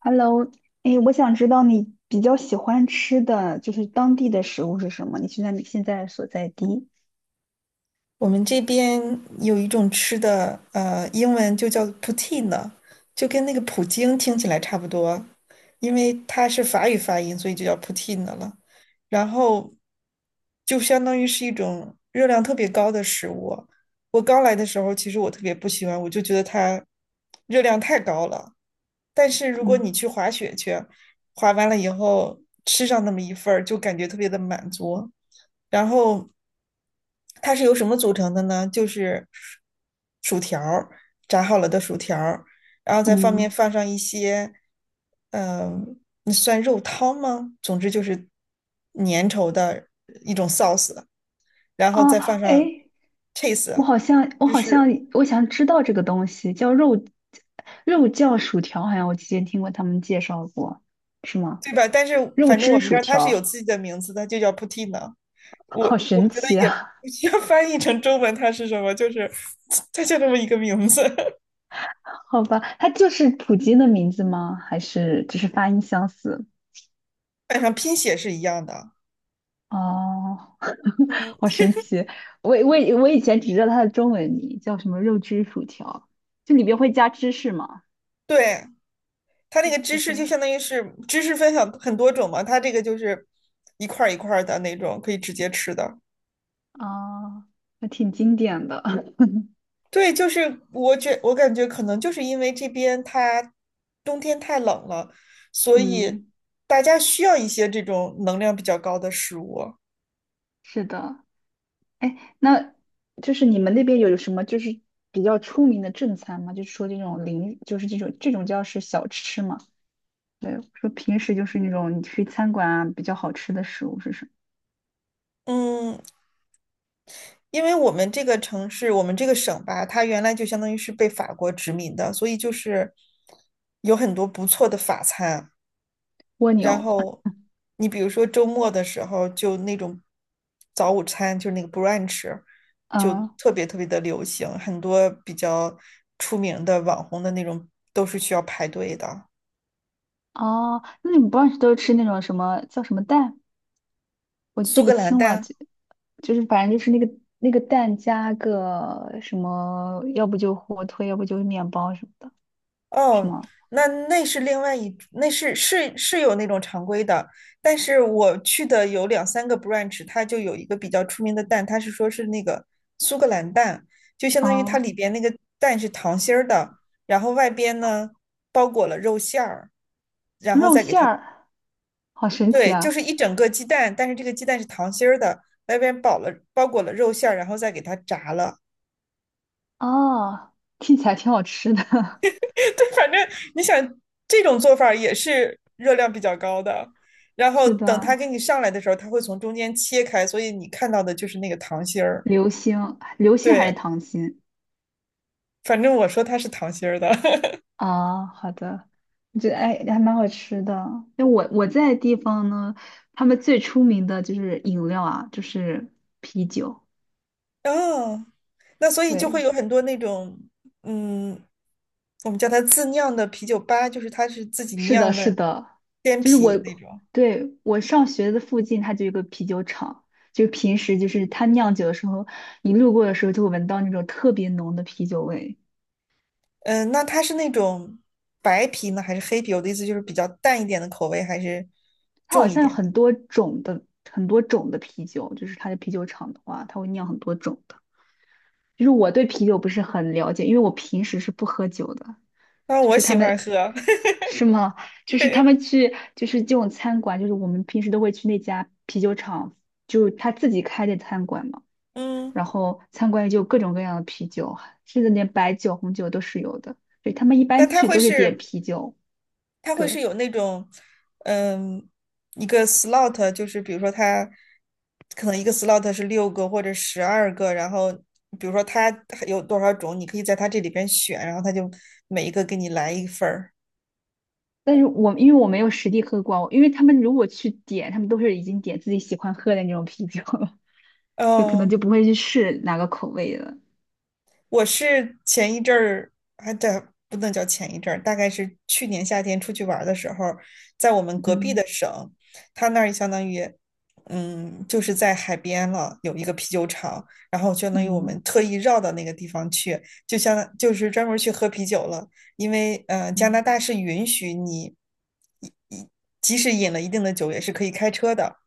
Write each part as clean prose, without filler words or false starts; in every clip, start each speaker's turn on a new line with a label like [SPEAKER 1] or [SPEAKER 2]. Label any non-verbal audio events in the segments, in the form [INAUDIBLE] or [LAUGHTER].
[SPEAKER 1] Hello，哎，我想知道你比较喜欢吃的就是当地的食物是什么？你现在所在地？
[SPEAKER 2] 我们这边有一种吃的，英文就叫 poutine，就跟那个普京听起来差不多，因为它是法语发音，所以就叫 poutine 了。然后就相当于是一种热量特别高的食物。我刚来的时候，其实我特别不喜欢，我就觉得它热量太高了。但是如果
[SPEAKER 1] 嗯
[SPEAKER 2] 你去滑雪去，滑完了以后吃上那么一份儿，就感觉特别的满足。然后它是由什么组成的呢？就是薯条儿炸好了的薯条儿，然后再
[SPEAKER 1] 嗯，
[SPEAKER 2] 放上一些。那算肉汤吗？总之就是粘稠的一种 sauce，然后
[SPEAKER 1] 哦，
[SPEAKER 2] 再放上
[SPEAKER 1] 哎，我
[SPEAKER 2] cheese，
[SPEAKER 1] 好像我
[SPEAKER 2] 就
[SPEAKER 1] 好像
[SPEAKER 2] 是
[SPEAKER 1] 我想知道这个东西叫肉酱薯条，好像我之前听过他们介绍过，是吗？
[SPEAKER 2] 对吧？但是
[SPEAKER 1] 肉
[SPEAKER 2] 反正我
[SPEAKER 1] 汁
[SPEAKER 2] 们这
[SPEAKER 1] 薯
[SPEAKER 2] 儿它是有
[SPEAKER 1] 条，
[SPEAKER 2] 自己的名字的，就叫 poutine。我
[SPEAKER 1] 好
[SPEAKER 2] 我
[SPEAKER 1] 神
[SPEAKER 2] 觉得
[SPEAKER 1] 奇
[SPEAKER 2] 也
[SPEAKER 1] 啊！
[SPEAKER 2] 不需要翻译成中文，它是什么？就是 [LAUGHS] 它就这么一个名字。[LAUGHS]
[SPEAKER 1] [LAUGHS] 好吧，它就是普京的名字吗？还是只是发音相似？
[SPEAKER 2] 本上拼写是一样的。
[SPEAKER 1] 哦，[LAUGHS]
[SPEAKER 2] 嗯，
[SPEAKER 1] 好神奇！我以前只知道它的中文名叫什么肉汁薯条，就里边会加芝士嘛，
[SPEAKER 2] 对，它那
[SPEAKER 1] 对
[SPEAKER 2] 个
[SPEAKER 1] 就
[SPEAKER 2] 芝士就
[SPEAKER 1] 是
[SPEAKER 2] 相当于是芝士分享很多种嘛，它这个就是一块一块的那种，可以直接吃的。
[SPEAKER 1] 啊，那挺经典的。[LAUGHS]
[SPEAKER 2] 对，就是我感觉可能就是因为这边它冬天太冷了，所以
[SPEAKER 1] 嗯，
[SPEAKER 2] 大家需要一些这种能量比较高的食物。
[SPEAKER 1] 是的。哎，那就是你们那边有什么就是比较出名的正餐吗？就是说这种零，就是这种叫是小吃嘛？对，说平时就是那种你去餐馆啊比较好吃的食物是什么？
[SPEAKER 2] 嗯，因为我们这个城市，我们这个省吧，它原来就相当于是被法国殖民的，所以就是有很多不错的法餐。
[SPEAKER 1] 蜗
[SPEAKER 2] 然
[SPEAKER 1] 牛。
[SPEAKER 2] 后你比如说周末的时候，就那种早午餐，就是那个 brunch，
[SPEAKER 1] [LAUGHS]
[SPEAKER 2] 就
[SPEAKER 1] 嗯，
[SPEAKER 2] 特别特别的流行，很多比较出名的网红的那种都是需要排队的。
[SPEAKER 1] 哦，那你们不是都吃那种什么叫什么蛋？我就记
[SPEAKER 2] 苏
[SPEAKER 1] 不
[SPEAKER 2] 格兰
[SPEAKER 1] 清了，
[SPEAKER 2] 蛋
[SPEAKER 1] 就反正就是那个蛋加个什么，要不就火腿，要不就是面包什么的，是
[SPEAKER 2] 哦，
[SPEAKER 1] 吗？
[SPEAKER 2] 那那是另外一，那是有那种常规的。但是我去的有2、3个 branch，它就有一个比较出名的蛋，它是说是那个苏格兰蛋，就相当于它
[SPEAKER 1] 啊，
[SPEAKER 2] 里边那个蛋是糖心儿的，然后外边呢包裹了肉馅儿，然后
[SPEAKER 1] 肉
[SPEAKER 2] 再给
[SPEAKER 1] 馅
[SPEAKER 2] 它，
[SPEAKER 1] 儿，好神奇
[SPEAKER 2] 对，就
[SPEAKER 1] 啊！
[SPEAKER 2] 是一整个鸡蛋，但是这个鸡蛋是糖心儿的，外边包裹了肉馅儿，然后再给它炸了。
[SPEAKER 1] 哦，听起来挺好吃的。[LAUGHS]
[SPEAKER 2] [LAUGHS] 对，反正你想这种做法也是热量比较高的，然后
[SPEAKER 1] 是
[SPEAKER 2] 等它给
[SPEAKER 1] 的，
[SPEAKER 2] 你上来的时候，它会从中间切开，所以你看到的就是那个糖心儿。
[SPEAKER 1] 流心，流心还是
[SPEAKER 2] 对，
[SPEAKER 1] 糖心？
[SPEAKER 2] 反正我说它是糖心儿的。[LAUGHS]
[SPEAKER 1] 啊、好的，我觉得哎
[SPEAKER 2] 嗯，
[SPEAKER 1] 还蛮好吃的。那我在的地方呢，他们最出名的就是饮料啊，就是啤酒。
[SPEAKER 2] 哦，那所以就会有
[SPEAKER 1] 对。
[SPEAKER 2] 很多那种。嗯，我们叫它自酿的啤酒吧，就是它是自己
[SPEAKER 1] 是的，
[SPEAKER 2] 酿
[SPEAKER 1] 是
[SPEAKER 2] 的
[SPEAKER 1] 的，
[SPEAKER 2] 鲜
[SPEAKER 1] 就是
[SPEAKER 2] 啤那
[SPEAKER 1] 我，
[SPEAKER 2] 种。
[SPEAKER 1] 对，我上学的附近，它就有一个啤酒厂，就平时就是它酿酒的时候，你路过的时候就会闻到那种特别浓的啤酒味。
[SPEAKER 2] 嗯，那它是那种白啤呢，还是黑啤？我的意思就是比较淡一点的口味，还是
[SPEAKER 1] 它
[SPEAKER 2] 重
[SPEAKER 1] 好
[SPEAKER 2] 一
[SPEAKER 1] 像有
[SPEAKER 2] 点？
[SPEAKER 1] 很多种的，很多种的啤酒，就是它的啤酒厂的话，它会酿很多种的。就是我对啤酒不是很了解，因为我平时是不喝酒的。
[SPEAKER 2] 啊，
[SPEAKER 1] 就
[SPEAKER 2] 我
[SPEAKER 1] 是他
[SPEAKER 2] 喜欢
[SPEAKER 1] 们，
[SPEAKER 2] 喝，[LAUGHS]
[SPEAKER 1] 是吗？就是他
[SPEAKER 2] 对。
[SPEAKER 1] 们去，就是这种餐馆，就是我们平时都会去那家啤酒厂，就是他自己开的餐馆嘛。
[SPEAKER 2] 嗯，
[SPEAKER 1] 然后参观也就有各种各样的啤酒，甚至连白酒、红酒都是有的。对，他们一般
[SPEAKER 2] 但它
[SPEAKER 1] 去
[SPEAKER 2] 会
[SPEAKER 1] 都是点
[SPEAKER 2] 是，
[SPEAKER 1] 啤酒，
[SPEAKER 2] 它会是
[SPEAKER 1] 对。
[SPEAKER 2] 有那种。嗯，一个 slot，就是比如说它可能一个 slot 是6个或者12个，然后比如说它有多少种，你可以在它这里边选，然后它就每一个给你来一份儿。
[SPEAKER 1] 但是我因为我没有实地喝过，因为他们如果去点，他们都是已经点自己喜欢喝的那种啤酒了，[LAUGHS] 就可能
[SPEAKER 2] 哦，
[SPEAKER 1] 就不会去试哪个口味了。
[SPEAKER 2] 我是前一阵儿，还在不能叫前一阵儿，大概是去年夏天出去玩的时候，在我们隔壁
[SPEAKER 1] 嗯
[SPEAKER 2] 的省，他那儿相当于，嗯，就是在海边了，有一个啤酒厂，然后相当于我们
[SPEAKER 1] 嗯
[SPEAKER 2] 特意绕到那个地方去，就是专门去喝啤酒了。因为加拿
[SPEAKER 1] 嗯，
[SPEAKER 2] 大是允许你，一一即使饮了一定的酒，也是可以开车的。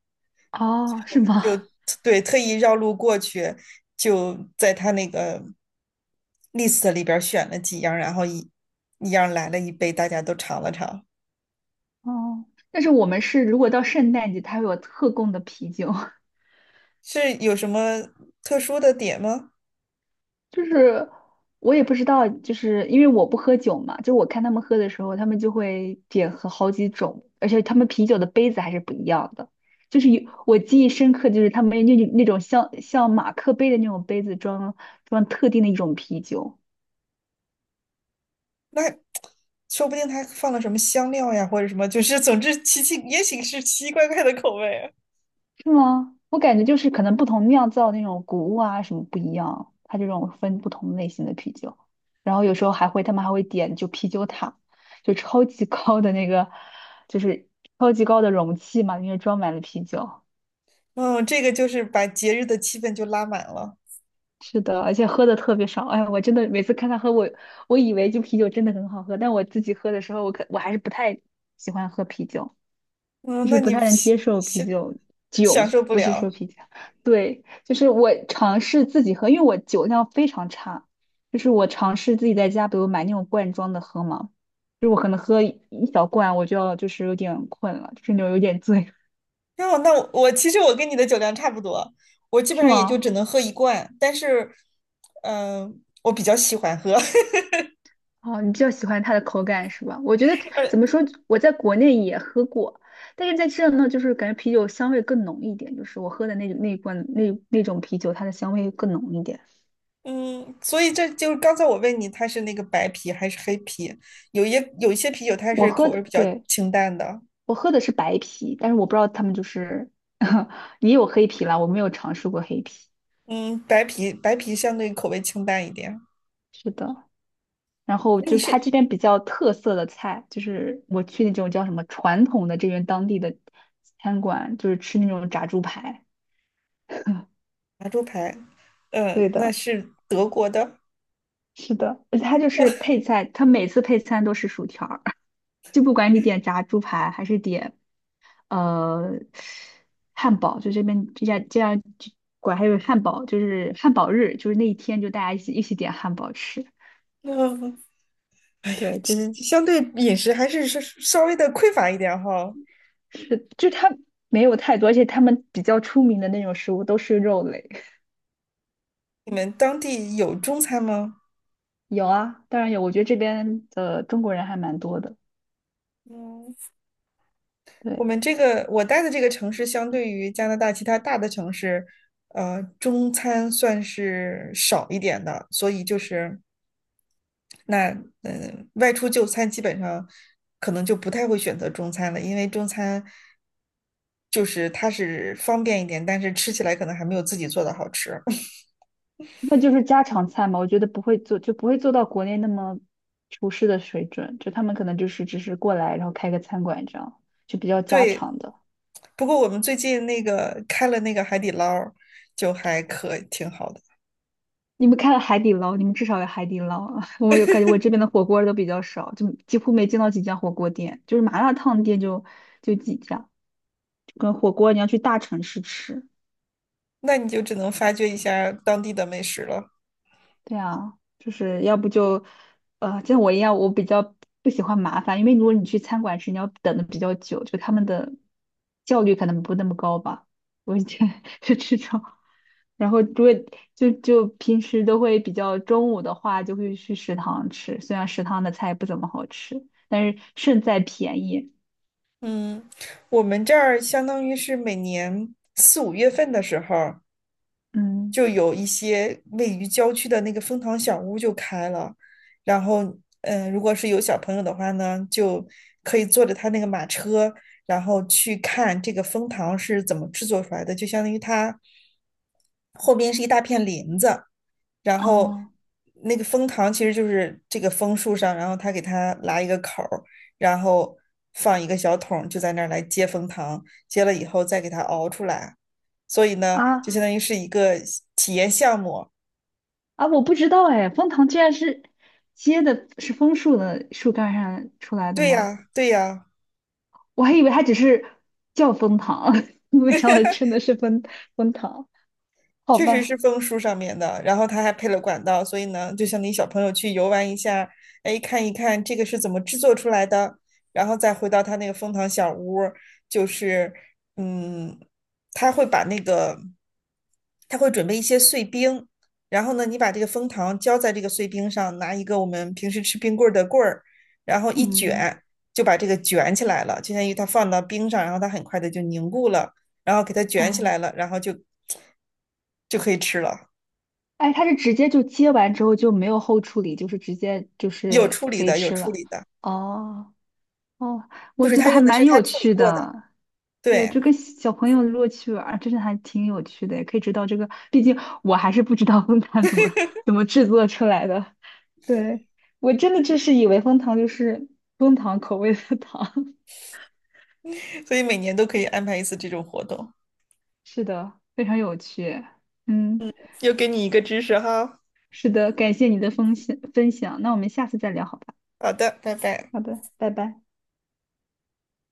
[SPEAKER 1] 哦，是
[SPEAKER 2] 就
[SPEAKER 1] 吗？
[SPEAKER 2] 对特意绕路过去，就在他那个 list 里边选了几样，然后一样来了一杯，大家都尝了尝。
[SPEAKER 1] 哦，但是我们是如果到圣诞节，它会有特供的啤酒，[LAUGHS]
[SPEAKER 2] 是有什么特殊的点吗？
[SPEAKER 1] 就是我也不知道，就是因为我不喝酒嘛，就我看他们喝的时候，他们就会点喝好几种，而且他们啤酒的杯子还是不一样的。就是有我记忆深刻，就是他们那种像马克杯的那种杯子装特定的一种啤酒。
[SPEAKER 2] 那说不定他放了什么香料呀，或者什么，就是总之也许是奇奇怪怪的口味啊。
[SPEAKER 1] 是吗？我感觉就是可能不同酿造那种谷物啊什么不一样，它这种分不同类型的啤酒，然后有时候他们还会点就啤酒塔，就超级高的那个，就是超级高的容器嘛，里面装满了啤酒。
[SPEAKER 2] 嗯，这个就是把节日的气氛就拉满了。
[SPEAKER 1] 是的，而且喝的特别爽。哎，我真的每次看他喝我，我以为就啤酒真的很好喝，但我自己喝的时候，我还是不太喜欢喝啤酒。就
[SPEAKER 2] 嗯，
[SPEAKER 1] 是
[SPEAKER 2] 那
[SPEAKER 1] 不
[SPEAKER 2] 你
[SPEAKER 1] 太能接受啤
[SPEAKER 2] 享
[SPEAKER 1] 酒
[SPEAKER 2] 享
[SPEAKER 1] 酒，
[SPEAKER 2] 受不
[SPEAKER 1] 不是
[SPEAKER 2] 了。
[SPEAKER 1] 说啤酒，对，就是我尝试自己喝，因为我酒量非常差，就是我尝试自己在家，比如买那种罐装的喝嘛，就是我可能喝一小罐，我就要就是有点困了，就是那种有点醉，
[SPEAKER 2] 那我其实我跟你的酒量差不多，我基本
[SPEAKER 1] 是
[SPEAKER 2] 上也就
[SPEAKER 1] 吗？
[SPEAKER 2] 只能喝一罐，但是，我比较喜欢喝。
[SPEAKER 1] 哦，你比较喜欢它的口感是吧？我觉得
[SPEAKER 2] [LAUGHS]
[SPEAKER 1] 怎
[SPEAKER 2] 而
[SPEAKER 1] 么说，我在国内也喝过，但是在这呢，就是感觉啤酒香味更浓一点，就是我喝的那一罐那种啤酒，它的香味更浓一点。
[SPEAKER 2] 嗯，所以这就是刚才我问你，它是那个白啤还是黑啤？有一有一些啤酒它
[SPEAKER 1] 我
[SPEAKER 2] 是
[SPEAKER 1] 喝
[SPEAKER 2] 口味
[SPEAKER 1] 的，
[SPEAKER 2] 比较
[SPEAKER 1] 对。
[SPEAKER 2] 清淡的。
[SPEAKER 1] 我喝的是白啤，但是我不知道他们就是 [LAUGHS] 也有黑啤啦，我没有尝试过黑啤。
[SPEAKER 2] 嗯，白啤相对口味清淡一点。
[SPEAKER 1] 是的，然后
[SPEAKER 2] 那
[SPEAKER 1] 就
[SPEAKER 2] 你
[SPEAKER 1] 是它
[SPEAKER 2] 是
[SPEAKER 1] 这边比较特色的菜，就是我去那种叫什么传统的这边当地的餐馆，就是吃那种炸猪排。
[SPEAKER 2] 拿猪排，嗯，
[SPEAKER 1] 对
[SPEAKER 2] 那
[SPEAKER 1] 的，
[SPEAKER 2] 是德国的。
[SPEAKER 1] 是的，而且它就是配菜，它每次配餐都是薯条儿，[LAUGHS] 就不管你点炸猪排还是点呃汉堡，就这边这家这样管还有汉堡，就是汉堡日，就是那一天就大家一起点汉堡吃。
[SPEAKER 2] 嗯，
[SPEAKER 1] 对，就是
[SPEAKER 2] 相对饮食还是稍微的匮乏一点哈。
[SPEAKER 1] 是，就他没有太多，而且他们比较出名的那种食物都是肉类。
[SPEAKER 2] 你们当地有中餐吗？
[SPEAKER 1] 有啊，当然有，我觉得这边的中国人还蛮多的。
[SPEAKER 2] 嗯，
[SPEAKER 1] 对，
[SPEAKER 2] 我待的这个城市，相对于加拿大其他大的城市，中餐算是少一点的，所以就是外出就餐基本上可能就不太会选择中餐了，因为中餐就是它是方便一点，但是吃起来可能还没有自己做的好吃。[LAUGHS]
[SPEAKER 1] 那就是家常菜嘛，我觉得不会做，就不会做到国内那么厨师的水准，就他们可能就是只是过来，然后开个餐馆这样，就比较家
[SPEAKER 2] 对，
[SPEAKER 1] 常的。
[SPEAKER 2] 不过我们最近那个开了那个海底捞儿就还可挺好的。
[SPEAKER 1] 你们开了海底捞，你们至少有海底捞啊。[LAUGHS] 我有感觉，我这边的火锅都比较少，就几乎没见到几家火锅店，就是麻辣烫店就几家。跟火锅你要去大城市吃，
[SPEAKER 2] 那你就只能发掘一下当地的美食了。
[SPEAKER 1] 对啊，就是要不就，像我一样，我比较不喜欢麻烦，因为如果你去餐馆吃，你要等的比较久，就他们的效率可能不那么高吧。我以前 [LAUGHS] 是这种，然后如果就平时都会比较中午的话，就会去食堂吃，虽然食堂的菜不怎么好吃，但是胜在便宜。
[SPEAKER 2] 嗯，我们这儿相当于是每年4、5月份的时候，
[SPEAKER 1] 嗯，
[SPEAKER 2] 就有一些位于郊区的那个蜂糖小屋就开了。然后，如果是有小朋友的话呢，就可以坐着他那个马车，然后去看这个蜂糖是怎么制作出来的，就相当于它后边是一大片林子，然后
[SPEAKER 1] 哦
[SPEAKER 2] 那个蜂糖其实就是这个枫树上，然后他给它拉一个口儿，然后放一个小桶就在那儿来接蜂糖，接了以后再给它熬出来。所以呢，就
[SPEAKER 1] 啊
[SPEAKER 2] 相当于是一个体验项目。
[SPEAKER 1] 啊，我不知道哎，枫糖居然是结的是枫树的树干上出来的
[SPEAKER 2] 对
[SPEAKER 1] 吗？
[SPEAKER 2] 呀，对呀，
[SPEAKER 1] 我还以为它只是叫蜂糖，[LAUGHS] 没想到真的是蜂糖。好
[SPEAKER 2] 确实是
[SPEAKER 1] 吧，
[SPEAKER 2] 枫树上面的，然后它还配了管道，所以呢，就像你小朋友去游玩一下，哎，看一看这个是怎么制作出来的，然后再回到他那个蜂糖小屋就是。嗯，他会把那个，他会准备一些碎冰，然后呢，你把这个蜂糖浇在这个碎冰上，拿一个我们平时吃冰棍儿的棍儿，然后一
[SPEAKER 1] 嗯
[SPEAKER 2] 卷，就把这个卷起来了，就相当于它放到冰上，然后它很快的就凝固了，然后给它卷起
[SPEAKER 1] 啊，
[SPEAKER 2] 来了，然后就可以吃了。
[SPEAKER 1] 哎，它是直接就接完之后就没有后处理，就是直接就
[SPEAKER 2] 有
[SPEAKER 1] 是
[SPEAKER 2] 处理
[SPEAKER 1] 可以
[SPEAKER 2] 的，有
[SPEAKER 1] 吃
[SPEAKER 2] 处
[SPEAKER 1] 了。
[SPEAKER 2] 理的，
[SPEAKER 1] 哦哦，
[SPEAKER 2] 就
[SPEAKER 1] 我
[SPEAKER 2] 是
[SPEAKER 1] 觉
[SPEAKER 2] 他
[SPEAKER 1] 得还
[SPEAKER 2] 用的是
[SPEAKER 1] 蛮
[SPEAKER 2] 他
[SPEAKER 1] 有
[SPEAKER 2] 处理
[SPEAKER 1] 趣
[SPEAKER 2] 过的。
[SPEAKER 1] 的。对，
[SPEAKER 2] 对，
[SPEAKER 1] 就跟小朋友如果去玩儿真的还挺有趣的，也可以知道这个。毕竟我还是不知道蜂糖怎么制作出来的。对，我真的就是以为蜂糖就是蜂糖口味的糖。
[SPEAKER 2] 所以每年都可以安排一次这种活动，
[SPEAKER 1] 是的，非常有趣。嗯，
[SPEAKER 2] 又给你一个知识哈。
[SPEAKER 1] 是的，感谢你的分享分享。那我们下次再聊好吧？
[SPEAKER 2] 好的，拜拜。
[SPEAKER 1] 好的，拜拜。